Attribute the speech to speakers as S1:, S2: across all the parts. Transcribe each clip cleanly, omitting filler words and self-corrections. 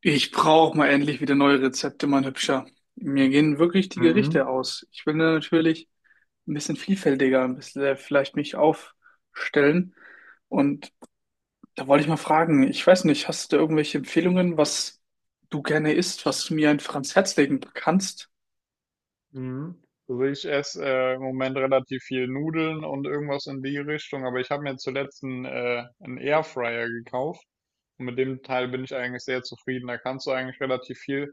S1: Ich brauche mal endlich wieder neue Rezepte, mein Hübscher. Mir gehen wirklich die Gerichte
S2: Mhm.
S1: aus. Ich will natürlich ein bisschen vielfältiger, ein bisschen vielleicht mich aufstellen. Und da wollte ich mal fragen, ich weiß nicht, hast du da irgendwelche Empfehlungen, was du gerne isst, was du mir einfach ans Herz legen kannst?
S2: Mhm. Also ich esse im Moment relativ viel Nudeln und irgendwas in die Richtung, aber ich habe mir zuletzt einen Airfryer gekauft und mit dem Teil bin ich eigentlich sehr zufrieden. Da kannst du eigentlich relativ viel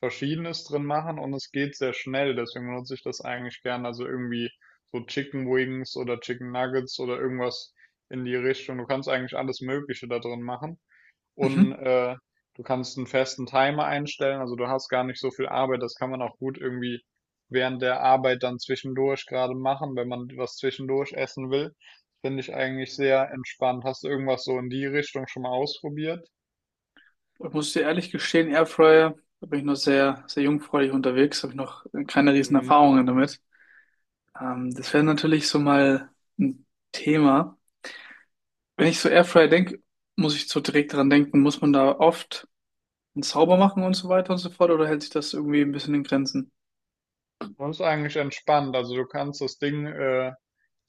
S2: Verschiedenes drin machen und es geht sehr schnell, deswegen nutze ich das eigentlich gern. Also irgendwie so Chicken Wings oder Chicken Nuggets oder irgendwas in die Richtung. Du kannst eigentlich alles Mögliche da drin machen. und
S1: Mhm.
S2: äh, du kannst einen festen Timer einstellen, also du hast gar nicht so viel Arbeit, das kann man auch gut irgendwie während der Arbeit dann zwischendurch gerade machen, wenn man was zwischendurch essen will. Finde ich eigentlich sehr entspannt. Hast du irgendwas so in die Richtung schon mal ausprobiert?
S1: Ich muss dir ehrlich gestehen, Airfryer, da bin ich noch sehr, sehr jungfräulich unterwegs, habe ich noch keine riesen
S2: Mhm.
S1: Erfahrungen damit. Das wäre natürlich so mal ein Thema. Wenn ich so Airfryer denke, muss ich so direkt dran denken, muss man da oft einen Zauber machen und so weiter und so fort, oder hält sich das irgendwie ein bisschen in Grenzen?
S2: Das ist eigentlich entspannt, also du kannst das Ding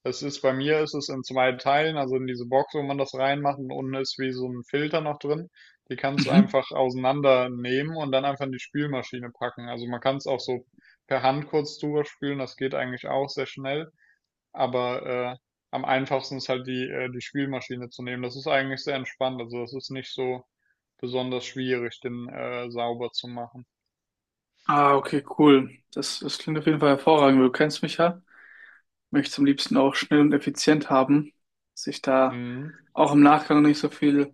S2: Es ist bei mir ist es in zwei Teilen, also in diese Box, wo man das reinmacht und unten ist wie so ein Filter noch drin. Die kannst du
S1: Mhm.
S2: einfach auseinandernehmen und dann einfach in die Spülmaschine packen. Also man kann es auch so per Hand kurz drüber spülen, das geht eigentlich auch sehr schnell. Aber äh, am einfachsten ist halt die Spülmaschine zu nehmen. Das ist eigentlich sehr entspannt, also das ist nicht so besonders schwierig, den sauber zu machen.
S1: Ah, okay, cool. Das klingt auf jeden Fall hervorragend. Du kennst mich ja. Möchte es am liebsten auch schnell und effizient haben, dass ich da
S2: Mhm.
S1: auch im Nachgang nicht so viel,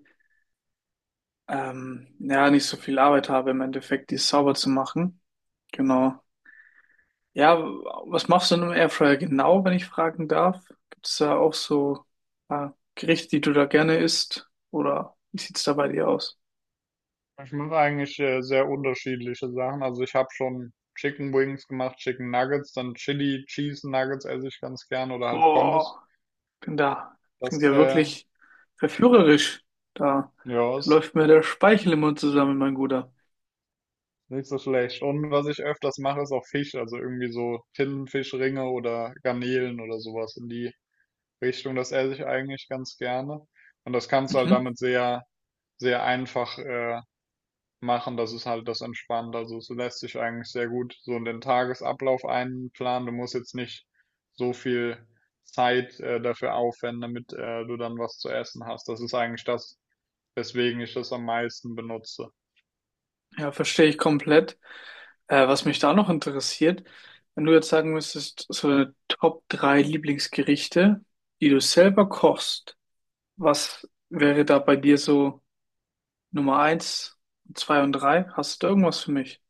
S1: ja, nicht so viel Arbeit habe, im Endeffekt die sauber zu machen. Genau. Ja, was machst du in einem Airfryer genau, wenn ich fragen darf? Gibt es da auch so äh, Gerichte, die du da gerne isst? Oder wie sieht's da bei dir aus?
S2: Ich mache eigentlich sehr unterschiedliche Sachen. Also ich habe schon Chicken Wings gemacht, Chicken Nuggets, dann Chili Cheese Nuggets esse ich ganz gern oder halt Pommes.
S1: Boah, bin da. Klingt
S2: Das,
S1: ja
S2: äh,
S1: wirklich verführerisch. Da,
S2: ja,
S1: Da
S2: ist
S1: läuft mir der Speichel im Mund zusammen, mein Guter.
S2: nicht so schlecht. Und was ich öfters mache, ist auch Fisch. Also irgendwie so Tintenfischringe oder Garnelen oder sowas in die Richtung. Das esse ich eigentlich ganz gerne. Und das kannst du halt
S1: Mhm.
S2: damit sehr, sehr einfach, machen. Das ist halt das entspannt. Also es lässt sich eigentlich sehr gut so in den Tagesablauf einplanen. Du musst jetzt nicht so viel Zeit dafür aufwenden, damit du dann was zu essen hast. Das ist eigentlich das, weswegen ich das am meisten benutze.
S1: Ja, verstehe ich komplett. Was mich da noch interessiert, wenn du jetzt sagen müsstest, so deine Top 3 Lieblingsgerichte, die du selber kochst, was wäre da bei dir so? Nummer eins, zwei und drei. Hast du da irgendwas für mich?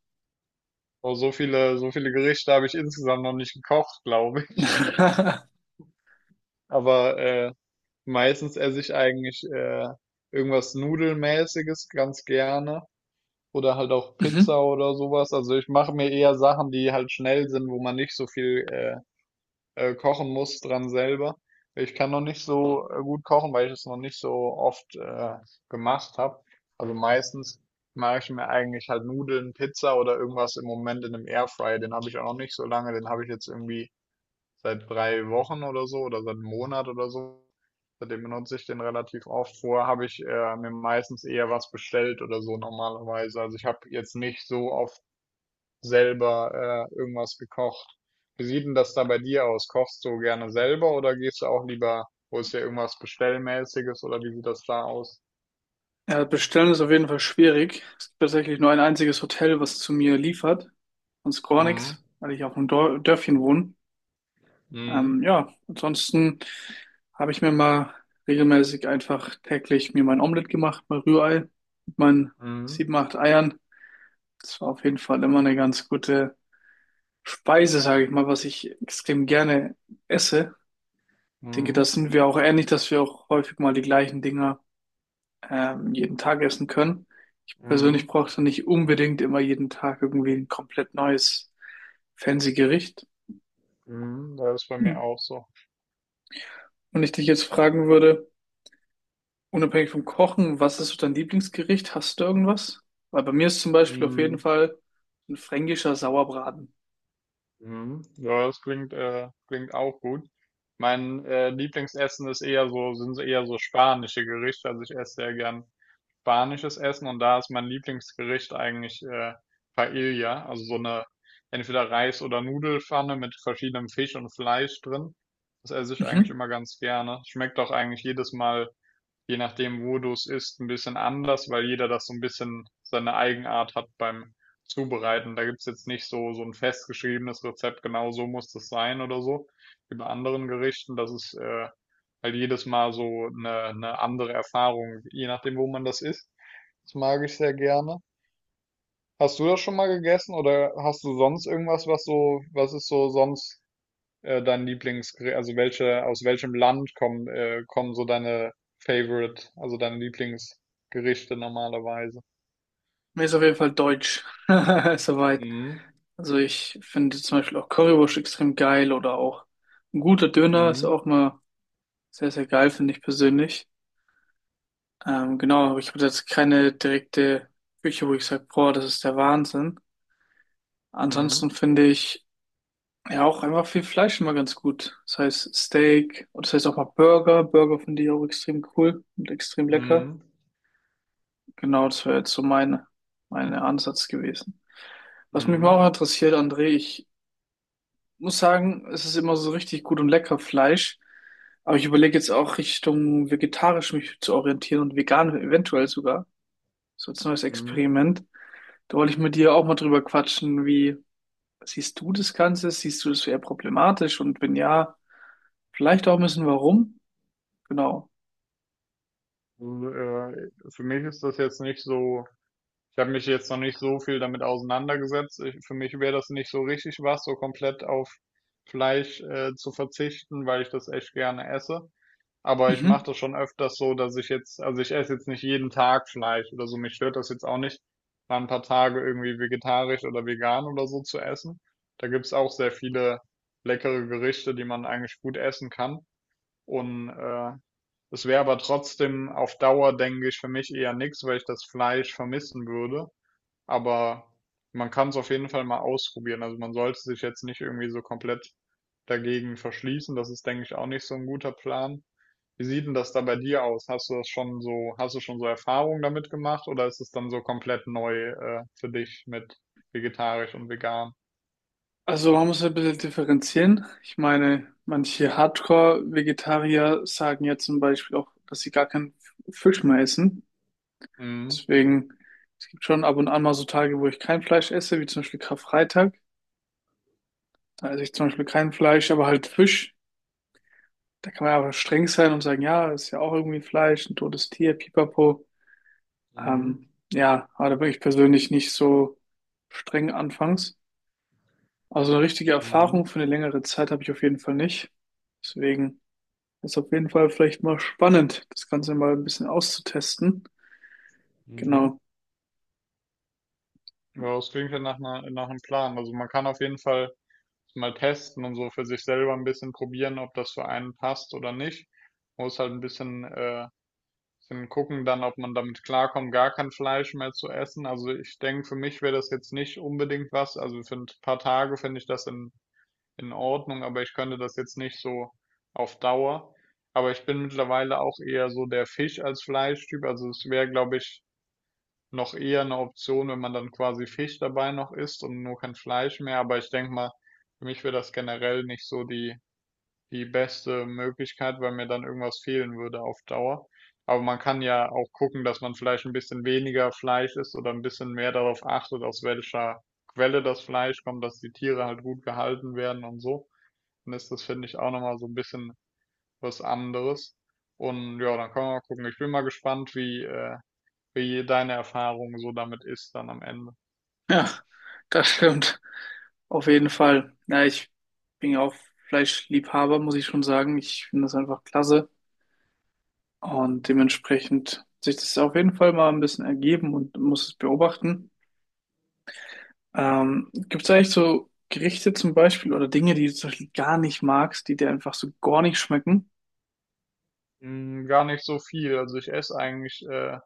S2: Oh, so viele Gerichte habe ich insgesamt noch nicht gekocht, glaube ich. Aber meistens esse ich eigentlich irgendwas Nudelmäßiges ganz gerne. Oder halt auch
S1: Mhm.
S2: Pizza oder sowas. Also ich mache mir eher Sachen, die halt schnell sind, wo man nicht so viel kochen muss dran selber. Ich kann noch nicht so gut kochen, weil ich es noch nicht so oft gemacht habe. Also meistens mache ich mir eigentlich halt Nudeln, Pizza oder irgendwas im Moment in einem Airfryer. Den habe ich auch noch nicht so lange. Den habe ich jetzt irgendwie seit 3 Wochen oder so oder seit 1 Monat oder so. Seitdem benutze ich den relativ oft. Vorher habe ich mir meistens eher was bestellt oder so normalerweise. Also ich habe jetzt nicht so oft selber irgendwas gekocht. Wie sieht denn das da bei dir aus? Kochst du gerne selber oder gehst du auch lieber, holst dir irgendwas Bestellmäßiges oder wie sieht das da aus?
S1: Ja, bestellen ist auf jeden Fall schwierig. Es gibt tatsächlich nur ein einziges Hotel, was zu mir liefert. Sonst gar
S2: Mhm.
S1: nichts, weil ich auf einem Dor Dörfchen wohne.
S2: Mhm.
S1: Ja, ansonsten habe ich mir mal regelmäßig einfach täglich mir mein Omelett gemacht, mein Rührei mit meinen
S2: Mhm.
S1: sieben, acht Eiern. Das war auf jeden Fall immer eine ganz gute Speise, sage ich mal, was ich extrem gerne esse. Ich denke,
S2: Mhm.
S1: das sind wir auch ähnlich, dass wir auch häufig mal die gleichen Dinge jeden Tag essen können. Ich persönlich
S2: Mhm.
S1: brauche nicht unbedingt immer jeden Tag irgendwie ein komplett neues fancy Gericht.
S2: Mhm. Das ist bei
S1: Hm.
S2: mir auch so.
S1: Wenn ich dich jetzt fragen würde, unabhängig vom Kochen, was ist so dein Lieblingsgericht? Hast du irgendwas? Weil bei mir ist zum Beispiel auf jeden
S2: Mhm.
S1: Fall ein fränkischer Sauerbraten.
S2: Mhm. Ja, das klingt, klingt auch gut. Mein Lieblingsessen ist eher so, sind so eher so spanische Gerichte. Also ich esse sehr gern spanisches Essen und da ist mein Lieblingsgericht eigentlich Paella, also so eine entweder Reis- oder Nudelpfanne mit verschiedenem Fisch und Fleisch drin. Das esse ich eigentlich
S1: Mhm.
S2: immer ganz gerne. Schmeckt auch eigentlich jedes Mal je nachdem, wo du es isst, ein bisschen anders, weil jeder das so ein bisschen seine Eigenart hat beim Zubereiten. Da gibt's jetzt nicht so, so ein festgeschriebenes Rezept, genau so muss das sein oder so, wie bei anderen Gerichten. Das ist halt jedes Mal so eine andere Erfahrung, je nachdem, wo man das isst. Das mag ich sehr gerne. Hast du das schon mal gegessen oder hast du sonst irgendwas, was so, was ist so sonst dein Lieblingsgericht, also welche, aus welchem Land kommen, kommen so deine Favorite, also deine Lieblingsgerichte normalerweise?
S1: Mir ist auf jeden Fall deutsch. Soweit.
S2: Mhm.
S1: Also ich finde zum Beispiel auch Currywurst extrem geil oder auch ein guter Döner ist
S2: Mhm.
S1: auch mal sehr, sehr geil, finde ich persönlich. Genau, aber ich habe jetzt keine direkte Küche, wo ich sage, boah, das ist der Wahnsinn.
S2: Mhm.
S1: Ansonsten finde ich ja auch einfach viel Fleisch immer ganz gut. Das heißt Steak und das heißt auch mal Burger. Burger finde ich auch extrem cool und extrem lecker.
S2: Mhm.
S1: Genau, das wäre jetzt so mein Ansatz gewesen. Was mich mal
S2: Mhm.
S1: auch interessiert, André, ich muss sagen, es ist immer so richtig gut und lecker Fleisch. Aber ich überlege jetzt auch Richtung vegetarisch mich zu orientieren und vegan eventuell sogar. So als neues
S2: Mhm.
S1: Experiment. Da wollte ich mit dir auch mal drüber quatschen, wie siehst du das Ganze? Siehst du das eher problematisch? Und wenn ja, vielleicht auch ein bisschen warum? Genau.
S2: Also, für mich ist das jetzt nicht so, ich habe mich jetzt noch nicht so viel damit auseinandergesetzt. Ich, für mich wäre das nicht so richtig was, so komplett auf Fleisch zu verzichten, weil ich das echt gerne esse. Aber ich mache
S1: Mhm.
S2: das schon öfters so, dass ich jetzt, also ich esse jetzt nicht jeden Tag Fleisch oder so. Mich stört das jetzt auch nicht, mal ein paar Tage irgendwie vegetarisch oder vegan oder so zu essen. Da gibt's auch sehr viele leckere Gerichte, die man eigentlich gut essen kann. Und es wäre aber trotzdem auf Dauer, denke ich, für mich eher nichts, weil ich das Fleisch vermissen würde. Aber man kann es auf jeden Fall mal ausprobieren. Also man sollte sich jetzt nicht irgendwie so komplett dagegen verschließen. Das ist, denke ich, auch nicht so ein guter Plan. Wie sieht denn das da bei dir aus? Hast du das schon so, hast du schon so Erfahrungen damit gemacht oder ist es dann so komplett neu, für dich mit vegetarisch und vegan?
S1: Also man muss ein bisschen differenzieren. Ich meine, manche Hardcore-Vegetarier sagen ja zum Beispiel auch, dass sie gar keinen Fisch mehr essen.
S2: Mhm.
S1: Deswegen, es gibt schon ab und an mal so Tage, wo ich kein Fleisch esse, wie zum Beispiel Karfreitag. Da esse ich zum Beispiel kein Fleisch, aber halt Fisch. Da kann man aber streng sein und sagen, ja, ist ja auch irgendwie Fleisch, ein totes Tier, pipapo.
S2: Mhm.
S1: Ja, aber da bin ich persönlich nicht so streng anfangs. Also eine richtige
S2: Mhm.
S1: Erfahrung für eine längere Zeit habe ich auf jeden Fall nicht. Deswegen ist auf jeden Fall vielleicht mal spannend, das Ganze mal ein bisschen auszutesten.
S2: Mhm.
S1: Genau.
S2: Ja, das klingt ja nach einer, nach einem Plan. Also man kann auf jeden Fall mal testen und so für sich selber ein bisschen probieren, ob das für einen passt oder nicht. Muss halt ein bisschen, bisschen gucken dann, ob man damit klarkommt, gar kein Fleisch mehr zu essen. Also ich denke, für mich wäre das jetzt nicht unbedingt was. Also für ein paar Tage finde ich das in Ordnung, aber ich könnte das jetzt nicht so auf Dauer. Aber ich bin mittlerweile auch eher so der Fisch als Fleischtyp. Also es wäre, glaube ich, noch eher eine Option, wenn man dann quasi Fisch dabei noch isst und nur kein Fleisch mehr. Aber ich denke mal, für mich wäre das generell nicht so die, die beste Möglichkeit, weil mir dann irgendwas fehlen würde auf Dauer. Aber man kann ja auch gucken, dass man vielleicht ein bisschen weniger Fleisch isst oder ein bisschen mehr darauf achtet, aus welcher Quelle das Fleisch kommt, dass die Tiere halt gut gehalten werden und so. Dann ist das, finde ich, auch nochmal so ein bisschen was anderes. Und ja, dann können wir mal gucken. Ich bin mal gespannt, wie, wie deine Erfahrung so damit ist dann am Ende?
S1: Ja, das stimmt. Auf jeden Fall. Ja, ich bin ja auch Fleischliebhaber, muss ich schon sagen. Ich finde das einfach klasse. Und dementsprechend hat sich das auf jeden Fall mal ein bisschen ergeben und muss es beobachten. Gibt es eigentlich so Gerichte zum Beispiel oder Dinge, die du zum Beispiel gar nicht magst, die dir einfach so gar nicht schmecken?
S2: Hm, gar nicht so viel. Also ich esse eigentlich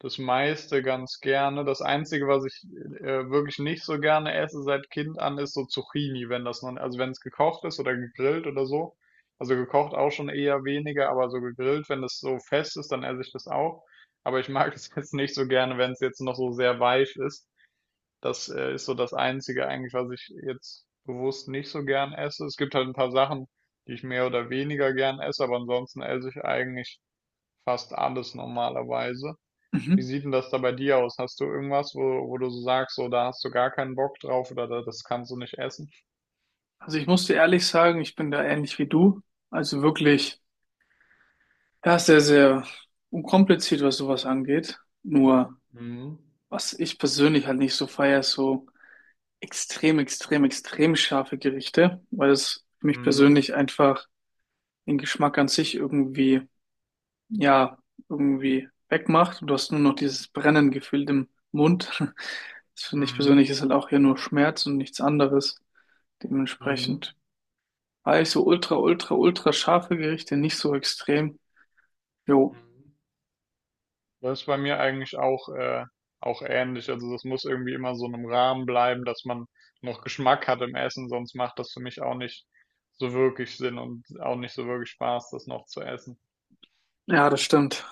S2: das meiste ganz gerne. Das Einzige, was ich wirklich nicht so gerne esse seit Kind an, ist so Zucchini, wenn das noch, also wenn es gekocht ist oder gegrillt oder so. Also gekocht auch schon eher weniger, aber so gegrillt, wenn das so fest ist, dann esse ich das auch. Aber ich mag es jetzt nicht so gerne, wenn es jetzt noch so sehr weich ist. Das ist so das Einzige eigentlich, was ich jetzt bewusst nicht so gern esse. Es gibt halt ein paar Sachen, die ich mehr oder weniger gern esse, aber ansonsten esse ich eigentlich fast alles normalerweise. Wie
S1: Mhm.
S2: sieht denn das da bei dir aus? Hast du irgendwas, wo, wo du so sagst, so da hast du gar keinen Bock drauf oder da, das kannst du nicht essen?
S1: Also ich muss dir ehrlich sagen, ich bin da ähnlich wie du. Also wirklich, ja, sehr, sehr unkompliziert, was sowas angeht. Nur,
S2: Mhm.
S1: was ich persönlich halt nicht so feiere, ist so extrem, extrem, extrem scharfe Gerichte, weil es für mich
S2: Mhm.
S1: persönlich einfach den Geschmack an sich irgendwie ja irgendwie wegmacht und du hast nur noch dieses brennende Gefühl im Mund. Das finde ich
S2: Mhm.
S1: persönlich ist halt auch hier nur Schmerz und nichts anderes.
S2: Mhm.
S1: Dementsprechend war ich so ultra, ultra, ultra scharfe Gerichte nicht so extrem. Jo,
S2: Mhm. Das ist bei mir eigentlich auch, auch ähnlich. Also das muss irgendwie immer so in einem Rahmen bleiben, dass man noch Geschmack hat im Essen, sonst macht das für mich auch nicht so wirklich Sinn und auch nicht so wirklich Spaß, das noch zu essen.
S1: ja, das stimmt.